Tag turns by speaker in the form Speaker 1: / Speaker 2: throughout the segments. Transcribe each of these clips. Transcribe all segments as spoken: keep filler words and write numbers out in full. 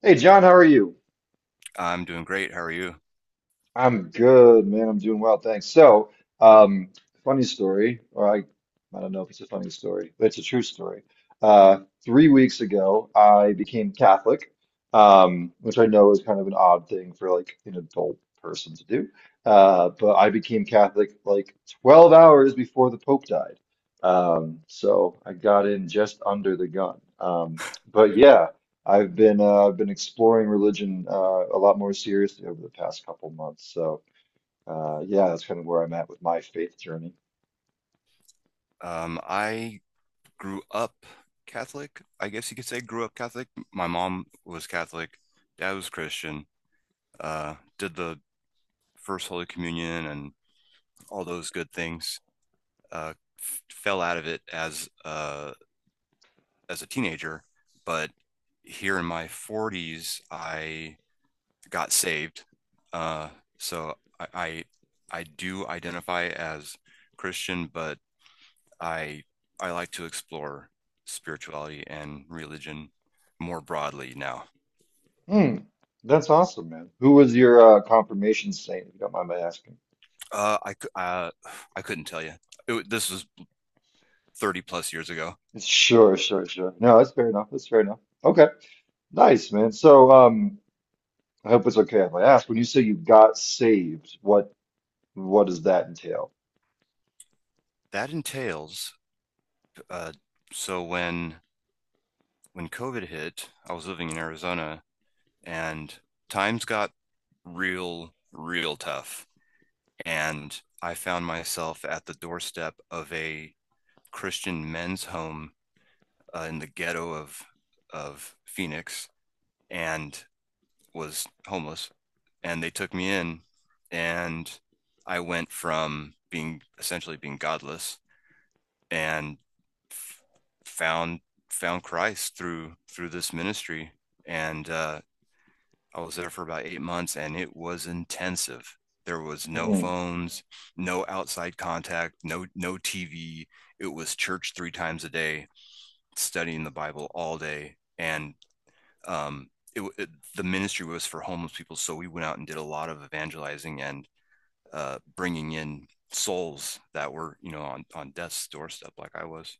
Speaker 1: Hey John, how are you?
Speaker 2: I'm doing great. How are you?
Speaker 1: I'm good, man. I'm doing well, thanks. So, um, funny story, or I, I don't know if it's a funny story, but it's a true story. Uh, three weeks ago, I became Catholic, um, which I know is kind of an odd thing for like an adult person to do. Uh, but I became Catholic like twelve hours before the Pope died. Um, so I got in just under the gun. Um, but yeah. I've been uh, I've been exploring religion uh, a lot more seriously over the past couple months. So uh, yeah, that's kind of where I'm at with my faith journey.
Speaker 2: Um, I grew up Catholic. I guess you could say grew up Catholic. My mom was Catholic, dad was Christian. Uh, did the first Holy Communion and all those good things. Uh, f Fell out of it as uh as a teenager, but here in my forties, I got saved. Uh, so I, I, I do identify as Christian, but I I like to explore spirituality and religion more broadly now.
Speaker 1: Hmm, that's awesome, man. Who was your uh, confirmation saint, if you don't mind my asking?
Speaker 2: Uh, I uh, I couldn't tell you. It, this was thirty plus years ago.
Speaker 1: Sure, sure, sure. No, that's fair enough. That's fair enough. Okay, nice, man. So um, I hope it's okay if I ask. When you say you got saved, what what does that entail?
Speaker 2: That entails uh, so when when COVID hit, I was living in Arizona and times got real real tough and I found myself at the doorstep of a Christian men's home uh, in the ghetto of of Phoenix and was homeless and they took me in, and I went from being essentially being godless and f- found found Christ through through this ministry. And uh, I was there for about eight months, and it was intensive. There was no
Speaker 1: Hmm.
Speaker 2: phones, no outside contact, no no T V. It was church three times a day, studying the Bible all day, and um, it, it, the ministry was for homeless people. So we went out and did a lot of evangelizing and uh, bringing in souls that were, you know, on, on death's doorstep, like I was.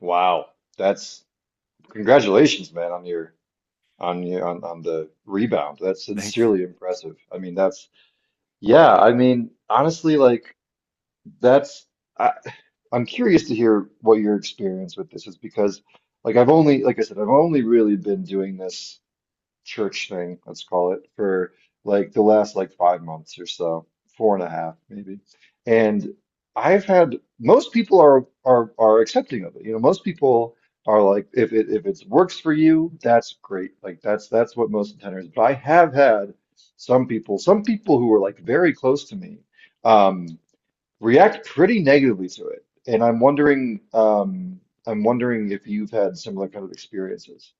Speaker 1: Wow, that's congratulations, man, on your on you on, on the rebound. That's
Speaker 2: They,
Speaker 1: sincerely impressive. I mean, that's yeah, I mean, honestly, like that's I, I'm curious to hear what your experience with this is because like I've only like I said, I've only really been doing this church thing, let's call it, for like the last like five months or so, four and a half maybe. And I've had most people are are are accepting of it. You know, most people are like, if it if it works for you, that's great. Like that's that's what most intenders. But I have had some people, some people who were like very close to me, um, react pretty negatively to it. And I'm wondering, um, I'm wondering if you've had similar kind of experiences.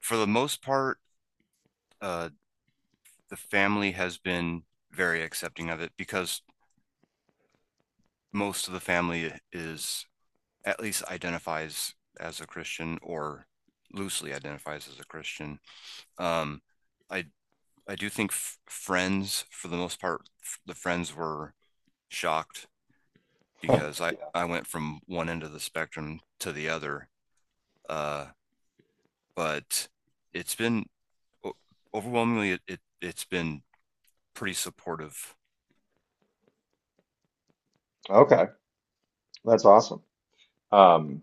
Speaker 2: for the most part, uh, the family has been very accepting of it because most of the family is, at least, identifies as a Christian or loosely identifies as a Christian. Um, I I do think f- friends, for the most part, f- the friends were shocked because I,
Speaker 1: Yeah.
Speaker 2: I went from one end of the spectrum to the other. Uh, but it's been overwhelmingly, it, it, it's been pretty supportive.
Speaker 1: Okay. That's awesome. Um,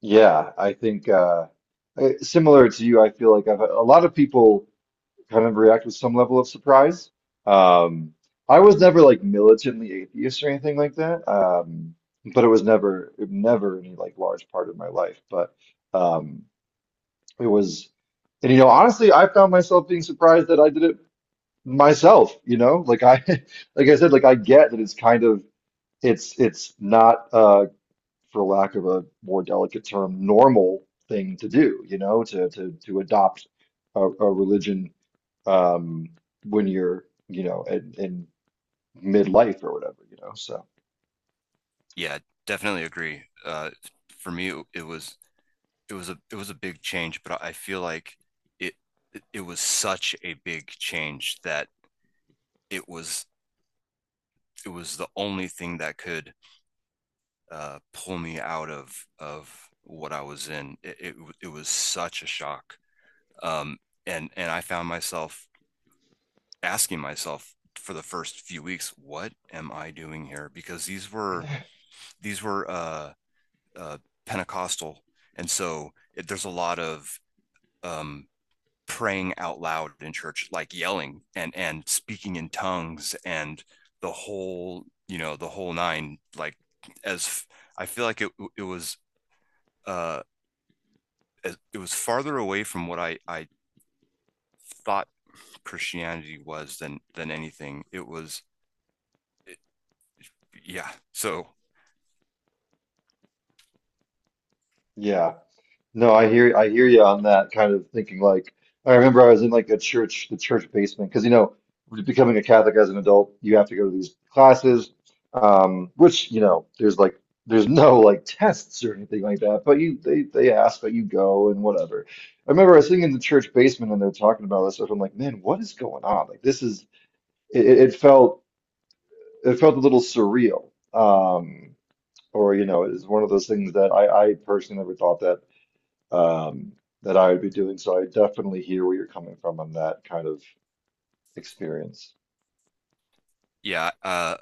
Speaker 1: yeah, I think uh, I- similar to you, I feel like I've, a lot of people kind of react with some level of surprise. Um, I was never like militantly atheist or anything like that, um, but it was never it never any like large part of my life. But um, it was, and you know, honestly, I found myself being surprised that I did it myself. You know, like I like I said, like I get that it's kind of it's it's not uh, for lack of a more delicate term, normal thing to do, you know, to to to adopt a, a religion um when you're, you know, in, in midlife or whatever, you know. So
Speaker 2: Yeah, definitely agree. Uh, for me, it, it was, It was a, it was a big change, but I feel like it, it, it was such a big change that it was, it was the only thing that could uh, pull me out of, of what I was in. It, it, it was such a shock. Um, and and I found myself asking myself, for the first few weeks, what am I doing here? Because these were these were uh, uh, Pentecostal, and so it, there's a lot of um, praying out loud in church, like yelling and and speaking in tongues and the whole you know the whole nine. Like as I feel like it it was uh, it was farther away from what I I thought Christianity was, than than anything. It was, yeah. So
Speaker 1: yeah. No, I hear I hear you on that kind of thinking. Like I remember I was in like a church, the church basement, because you know, becoming a Catholic as an adult, you have to go to these classes, um, which you know, there's like there's no like tests or anything like that, but you they they ask, but you go and whatever. I remember I was sitting in the church basement and they're talking about this stuff. I'm like, man, what is going on? Like this is it, it it felt it felt a little surreal. Um, or you know, it is one of those things that I I personally never thought that um, that I would be doing. So I definitely hear where you're coming from on that kind of experience.
Speaker 2: yeah, uh,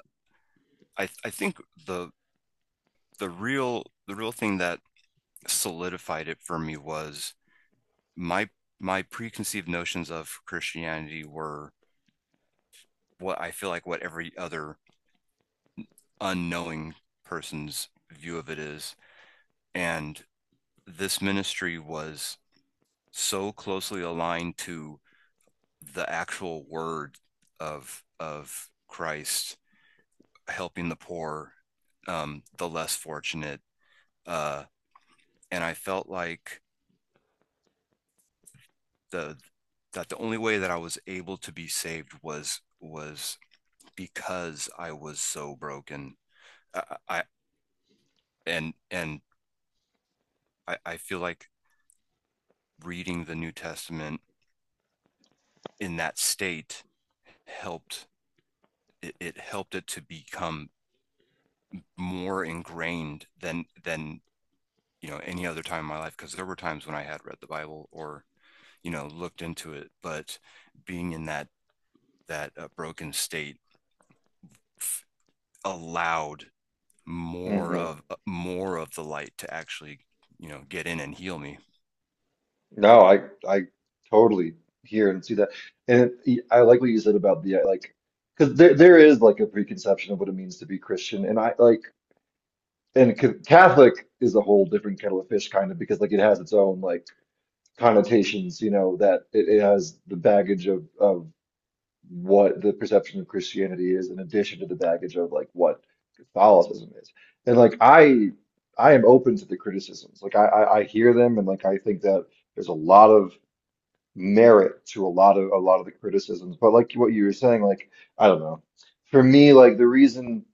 Speaker 2: I I think the the real the real thing that solidified it for me was my my preconceived notions of Christianity were what I feel like what every other unknowing person's view of it is, and this ministry was so closely aligned to the actual word of of Christ helping the poor, um, the less fortunate, uh, and I felt like the that the only way that I was able to be saved was was because I was so broken. I, I and and I, I feel like reading the New Testament in that state helped, it, it helped it to become more ingrained than than you know, any other time in my life, because there were times when I had read the Bible or, you know, looked into it, but being in that that uh, broken state f- allowed more
Speaker 1: hmm
Speaker 2: of uh, more of the light to actually, you know, get in and heal me.
Speaker 1: No, I I totally hear and see that, and y- I like what you said about the uh, like, because there there is like a preconception of what it means to be Christian, and I like and c- Catholic is a whole different kettle of fish, kind of because like it has its own like connotations, you know, that it, it has the baggage of of. What the perception of Christianity is in addition to the baggage of like what Catholicism is. And like I I am open to the criticisms. Like I I, I hear them and like I think that there's a lot of merit to a lot of a lot of the criticisms. But like what you were saying, like I don't know. For me, like the reason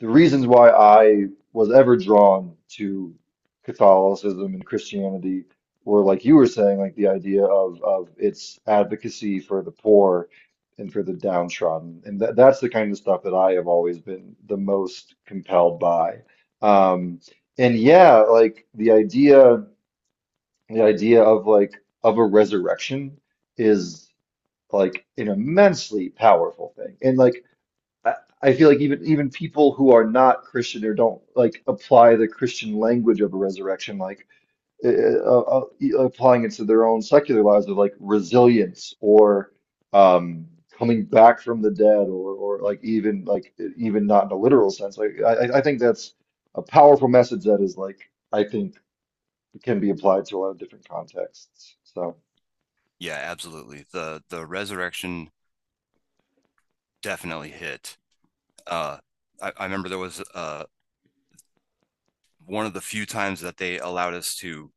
Speaker 1: the reasons why I was ever drawn to Catholicism and Christianity were like you were saying, like the idea of of its advocacy for the poor and for the downtrodden, and that that's the kind of stuff that I have always been the most compelled by. Um, and yeah, like the idea, the idea of like of a resurrection is like an immensely powerful thing, and like I I feel like even even people who are not Christian or don't like apply the Christian language of a resurrection, like uh, uh, uh, uh, e, applying it to their own secular lives of like resilience or um, coming back from the dead, or or like even like even not in a literal sense. Like I I I think that's a powerful message that is like I think can be applied to a lot of different contexts. So
Speaker 2: Yeah, absolutely, the the resurrection definitely hit. uh i, I remember there was uh one of the few times that they allowed us to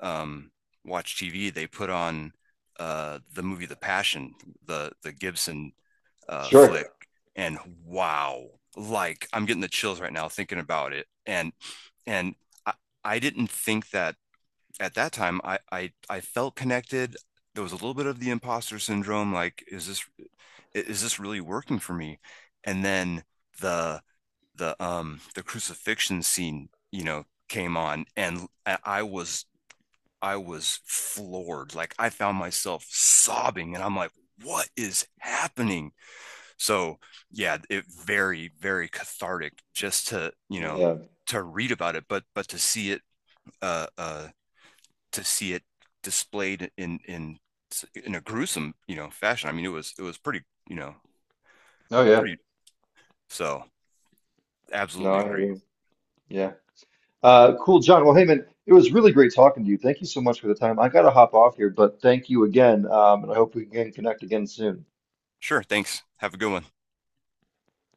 Speaker 2: um watch TV. They put on uh the movie, The Passion, the the Gibson uh
Speaker 1: sure,
Speaker 2: flick, and wow, like I'm getting the chills right now thinking about it. And and i, I didn't think that at that time. I, I I felt connected. There was a little bit of the imposter syndrome, like, is this, is this really working for me? And then the the um the crucifixion scene, you know, came on and I was, I was floored. Like I found myself sobbing and I'm like, what is happening? So yeah, it, very very cathartic just to, you know,
Speaker 1: yeah,
Speaker 2: to read about it, but but to see it, uh uh to see it displayed in in in a gruesome, you know, fashion. I mean, it was, it was pretty, you know,
Speaker 1: oh yeah,
Speaker 2: pretty. So
Speaker 1: no,
Speaker 2: absolutely
Speaker 1: I hear
Speaker 2: agree.
Speaker 1: you. Yeah. Uh, cool, John. Well, hey, man, it was really great talking to you. Thank you so much for the time. I got to hop off here, but thank you again. Um, and I hope we can connect again soon.
Speaker 2: Sure. Thanks. Have a good one.